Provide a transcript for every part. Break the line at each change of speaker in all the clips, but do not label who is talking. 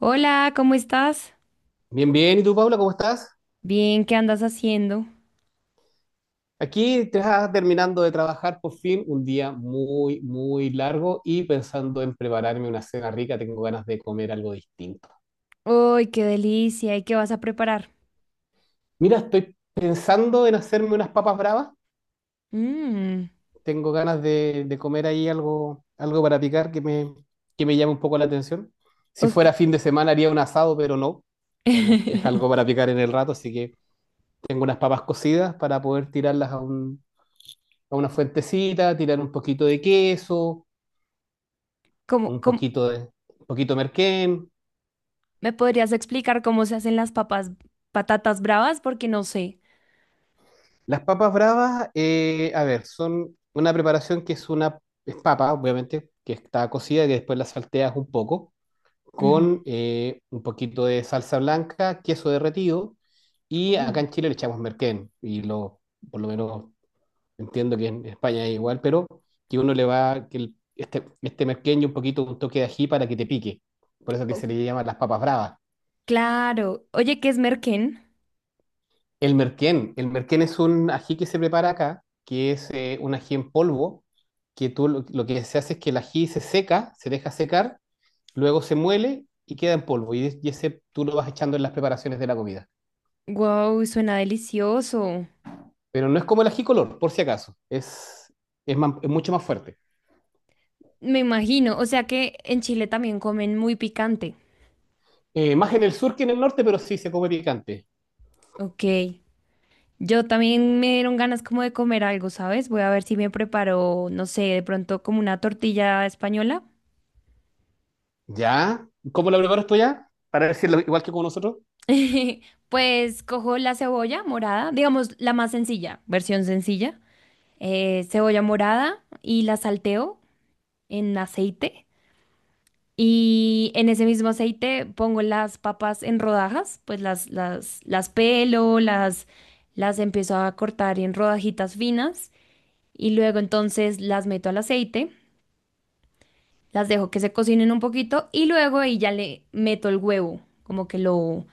Hola, ¿cómo estás?
Bien. ¿Y tú, Paula, cómo estás?
Bien, ¿qué andas haciendo?
Aquí te estás terminando de trabajar por fin, un día muy largo y pensando en prepararme una cena rica, tengo ganas de comer algo distinto.
¡Uy, qué delicia! ¿Y qué vas a preparar?
Mira, estoy pensando en hacerme unas papas bravas,
Mmm,
tengo ganas de comer ahí algo para picar que me llame un poco la atención. Si
ok.
fuera fin de semana haría un asado, pero no. Vamos, es algo para picar en el rato, así que tengo unas papas cocidas para poder tirarlas a a una fuentecita, tirar un poquito de queso
¿Cómo,
un
cómo-
poquito de, un poquito de merquén.
¿Me podrías explicar cómo se hacen patatas bravas? Porque no sé.
Las papas bravas, a ver, son una preparación que es una, es papa, obviamente, que está cocida y que después la salteas un poco,
Ujú.
con un poquito de salsa blanca, queso derretido, y acá
Mm.
en Chile le echamos merquén, y lo, por lo menos entiendo que en España es igual, pero que uno le va, que este merquén y un poquito un toque de ají para que te pique, por eso que
Oh,
se le llama las papas bravas.
claro. Oye, ¿qué es merquén?
El merquén. El merquén es un ají que se prepara acá, que es un ají en polvo, que lo que se hace es que el ají se seca, se deja secar, luego se muele y queda en polvo. Y ese tú lo vas echando en las preparaciones de la comida.
Wow, suena delicioso.
Pero no es como el ají color, por si acaso. Es es mucho más fuerte.
Me imagino. O sea que en Chile también comen muy picante.
Más en el sur que en el norte, pero sí se come picante.
Ok. Yo también me dieron ganas como de comer algo, ¿sabes? Voy a ver si me preparo, no sé, de pronto como una tortilla española.
¿Ya? ¿Cómo lo preparas tú ya? Para decirlo igual que con nosotros.
Pues cojo la cebolla morada, digamos la más sencilla, versión sencilla. Cebolla morada y la salteo en aceite. Y en ese mismo aceite pongo las papas en rodajas, pues las pelo, las empiezo a cortar en rodajitas finas. Y luego entonces las meto al aceite. Las dejo que se cocinen un poquito y luego ahí ya le meto el huevo, como que lo,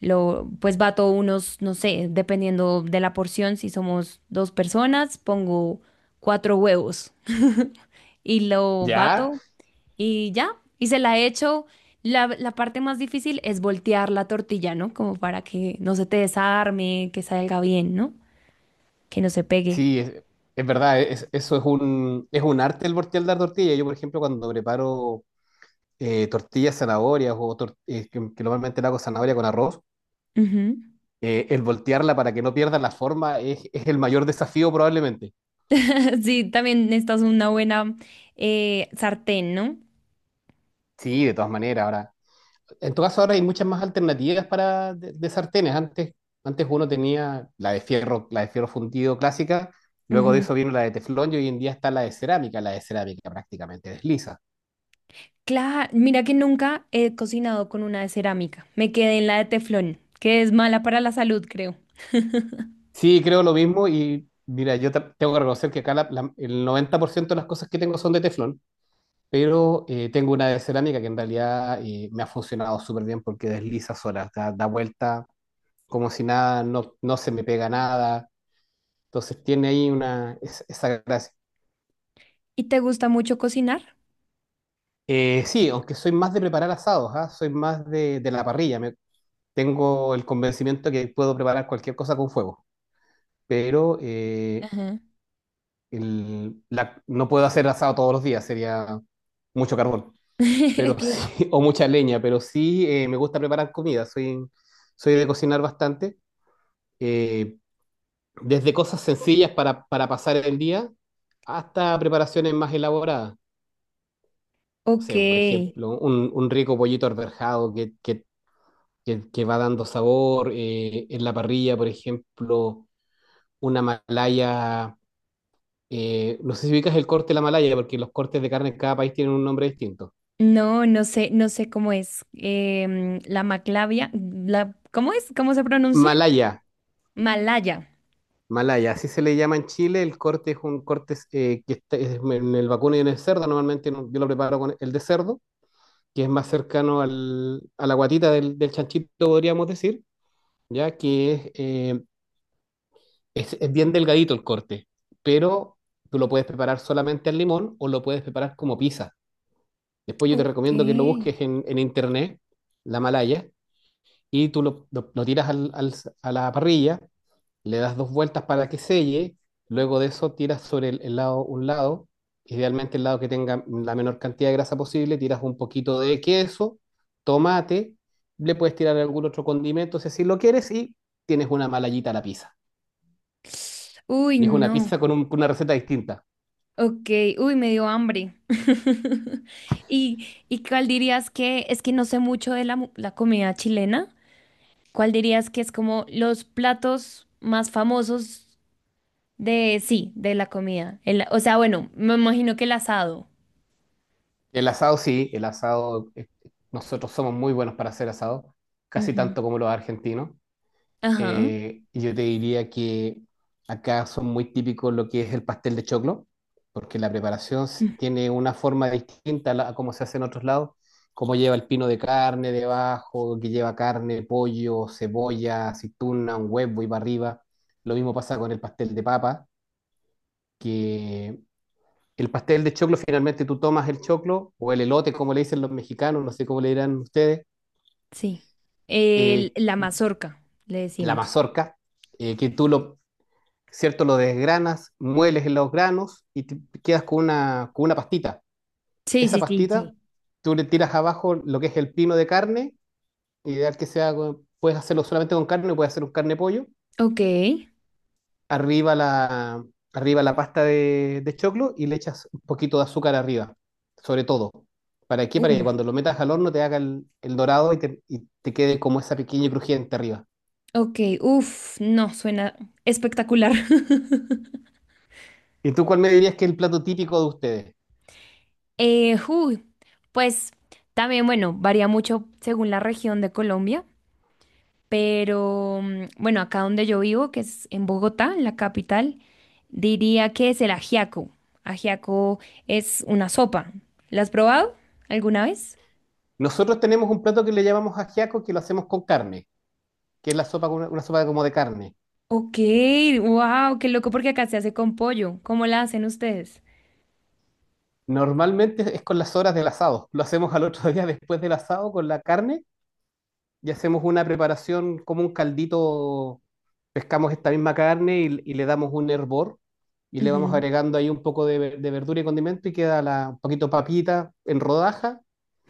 lo, pues bato unos, no sé, dependiendo de la porción, si somos dos personas, pongo cuatro huevos y lo
¿Ya?
bato y ya, y se la echo. La parte más difícil es voltear la tortilla, ¿no? Como para que no se te desarme, que salga bien, ¿no? Que no se pegue.
Sí, es verdad, eso es es un arte el voltear la tortilla. Yo, por ejemplo, cuando preparo tortillas zanahorias o que normalmente la hago zanahoria con arroz,
Ujú.
el voltearla para que no pierda la forma es el mayor desafío probablemente.
Sí, también necesitas una buena sartén, ¿no?
Sí, de todas maneras, ahora. En todo caso, ahora hay muchas más alternativas para de sartenes. Antes uno tenía la de fierro fundido clásica, luego de
Ujú.
eso vino la de teflón y hoy en día está la de cerámica prácticamente desliza.
Claro, mira que nunca he cocinado con una de cerámica. Me quedé en la de teflón, que es mala para la salud, creo.
Sí, creo lo mismo y mira, yo tengo que reconocer que acá el 90% de las cosas que tengo son de teflón, pero tengo una de cerámica que en realidad me ha funcionado súper bien porque desliza sola, da vuelta como si nada, no se me pega nada, entonces tiene ahí una, esa gracia.
¿Y te gusta mucho cocinar?
Sí, aunque soy más de preparar asados, ¿ah? Soy más de la parrilla, tengo el convencimiento que puedo preparar cualquier cosa con fuego, pero...
Ajá.
no puedo hacer asado todos los días, sería mucho carbón, pero
Sí.
sí, o mucha leña, pero sí me gusta preparar comida, soy, soy de cocinar bastante, eh, desde cosas sencillas para pasar el día hasta preparaciones más elaboradas. O sea, por
Ok.
ejemplo, un rico pollito arberjado que va dando sabor, en la parrilla, por ejemplo, una malaya, no sé si ubicas el corte de la malaya, porque los cortes de carne en cada país tienen un nombre distinto.
No sé cómo es. La maclavia, la, ¿cómo es? ¿Cómo se pronuncia?
Malaya,
Malaya.
Malaya, así se le llama en Chile. El corte es un corte que está es en el vacuno y en el cerdo. Normalmente yo lo preparo con el de cerdo, que es más cercano a la guatita del chanchito, podríamos decir, ya que es, es bien delgadito el corte, pero tú lo puedes preparar solamente al limón o lo puedes preparar como pizza. Después yo te
Ok.
recomiendo que lo busques en internet, la Malaya, y tú lo tiras a la parrilla, le das dos vueltas para que selle, luego de eso tiras sobre el lado, un lado, idealmente el lado que tenga la menor cantidad de grasa posible, tiras un poquito de queso, tomate, le puedes tirar algún otro condimento si así lo quieres y tienes una malayita a la pizza.
Uy,
Y es una
no.
pizza con, con una receta distinta.
Ok. Uy, me dio hambre. ¿Y cuál dirías que es que no sé mucho de la comida chilena? ¿Cuál dirías que es como los platos más famosos de, sí, de la comida? Bueno, me imagino que el asado.
El asado sí, el asado, nosotros somos muy buenos para hacer asado, casi
Ujú.
tanto como los argentinos.
Ajá.
Yo te diría que acá son muy típicos lo que es el pastel de choclo, porque la preparación
Mm,
tiene una forma distinta a cómo se hace en otros lados, como lleva el pino de carne debajo, que lleva carne, pollo, cebolla, aceituna, un huevo y para arriba. Lo mismo pasa con el pastel de papa, que el pastel de choclo finalmente tú tomas el choclo o el elote, como le dicen los mexicanos, no sé cómo le dirán ustedes,
Sí.
eh,
La mazorca, le
la
decimos.
mazorca que tú lo, ¿cierto? Lo desgranas, mueles en los granos y te quedas con una pastita.
Sí,
Esa
sí, sí, sí.
pastita, tú le tiras abajo lo que es el pino de carne, ideal que sea, puedes hacerlo solamente con carne, puedes hacer un carne pollo,
Ok.
arriba la, arriba la pasta de choclo y le echas un poquito de azúcar arriba, sobre todo. ¿Para qué? Para que
Uf.
cuando lo metas al horno te haga el dorado y y te quede como esa pequeña y crujiente arriba.
Ok, uf, no, suena espectacular.
¿Y tú cuál me dirías que es el plato típico de ustedes?
Uy, pues también, bueno, varía mucho según la región de Colombia. Pero mm, bueno, acá donde yo vivo, que es en Bogotá, en la capital, diría que es el ajiaco. Ajiaco es una sopa. ¿La has probado alguna vez?
Nosotros tenemos un plato que le llamamos ajiaco que lo hacemos con carne, que es la sopa, con una sopa como de carne.
Ok, wow, qué loco porque acá se hace con pollo. ¿Cómo la hacen ustedes?
Normalmente es con las horas del asado. Lo hacemos al otro día después del asado con la carne y hacemos una preparación como un caldito. Pescamos esta misma carne y le damos un hervor y le vamos
Ujú,
agregando ahí un poco de verdura y condimento y queda la, un poquito papita en rodaja,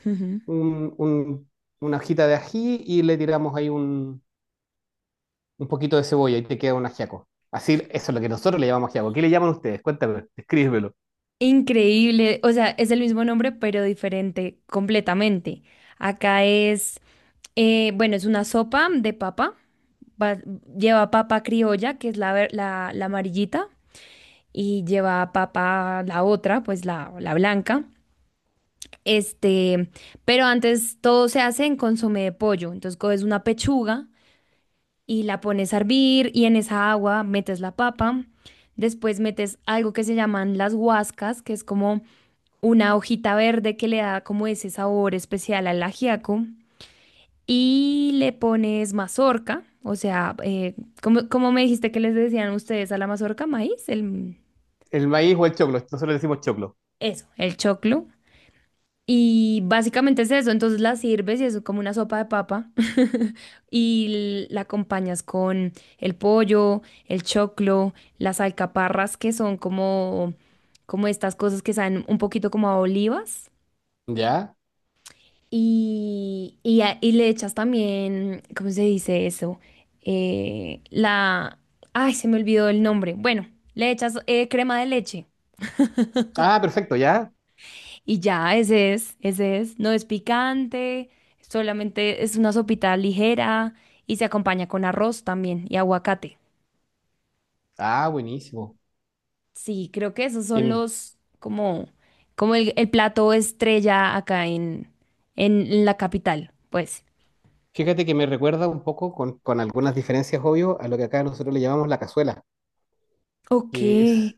ujú.
un- un- una hojita de ají y le tiramos ahí un poquito de cebolla y te queda un ajiaco. Así, eso es lo que nosotros le llamamos ajiaco. ¿Qué le llaman ustedes? Cuéntame, escríbelo.
Increíble, o sea, es el mismo nombre pero diferente completamente. Acá es, bueno, es una sopa de papa, va- lleva papa criolla, que es la amarillita. Y lleva a papa la otra, pues la blanca. Este, pero antes todo se hace en consomé de pollo. Entonces coges una pechuga y la pones a hervir y en esa agua metes la papa. Después metes algo que se llaman las guascas que es como una hojita verde que le da como ese sabor especial al ajiaco. Y le pones mazorca, o sea, ¿cómo me dijiste que les decían ustedes a la mazorca?
El maíz o el choclo, nosotros le decimos choclo.
Eso, el choclo. Y básicamente es eso, entonces la sirves y eso es como una sopa de papa y la acompañas con el pollo, el choclo, las alcaparras que son como, como estas cosas que saben un poquito como a olivas
¿Ya?
y le echas también, ¿cómo se dice eso? La... Ay, se me olvidó el nombre. Bueno, le echas crema de leche.
Ah, perfecto, ya.
Y ya, ese es. No es picante, solamente es una sopita ligera y se acompaña con arroz también y aguacate.
Ah, buenísimo.
Sí, creo que esos son
Bien.
los, como, como el plato estrella acá en la capital, pues.
Fíjate que me recuerda un poco, con algunas diferencias, obvio, a lo que acá nosotros le llamamos la cazuela,
Ok,
que es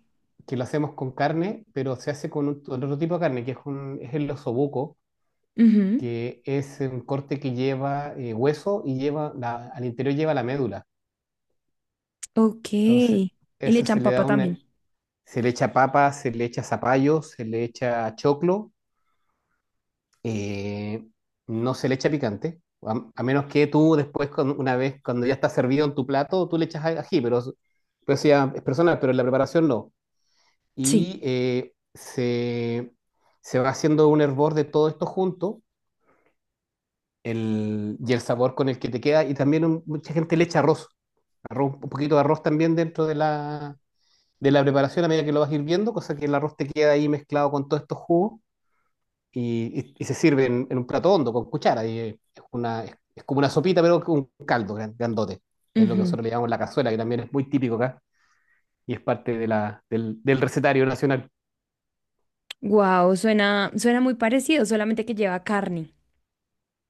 que lo hacemos con carne, pero se hace con, con otro tipo de carne, que es, es el osobuco,
Ujú.
que es un corte que lleva hueso y lleva al interior lleva la médula.
Ok.
Entonces,
Y le
eso se
echan
le
papa
da una,
también.
se le echa papa, se le echa zapallo, se le echa choclo eh, no se le echa picante, a menos que tú después, una vez cuando ya está servido en tu plato, tú le echas ají, pero eso ya es personal, pero en la preparación no.
Sí.
Y se va haciendo un hervor de todo esto junto, y el sabor con el que te queda. Y también mucha gente le echa arroz, un poquito de arroz también dentro de la preparación a medida que lo vas hirviendo, cosa que el arroz te queda ahí mezclado con todos estos jugos y se sirve en un plato hondo, con cuchara. Y es como una sopita, pero con un caldo grandote. Es lo que nosotros le llamamos la cazuela, que también es muy típico acá y es parte de del recetario nacional.
Wow, suena muy parecido, solamente que lleva carne.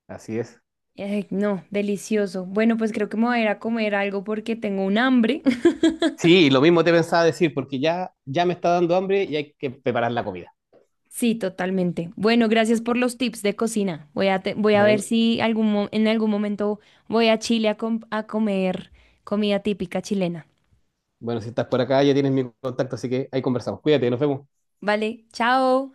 Así es.
Ay, no, delicioso. Bueno, pues creo que me voy a ir a comer algo porque tengo un hambre.
Sí, lo mismo te pensaba decir, porque ya me está dando hambre y hay que preparar la comida.
Sí, totalmente. Bueno, gracias por los tips de cocina. Voy a ver
Bueno,
si en algún momento voy a Chile a, a comer comida típica chilena.
bueno, si estás por acá ya tienes mi contacto, así que ahí conversamos. Cuídate, nos vemos.
Vale, chao.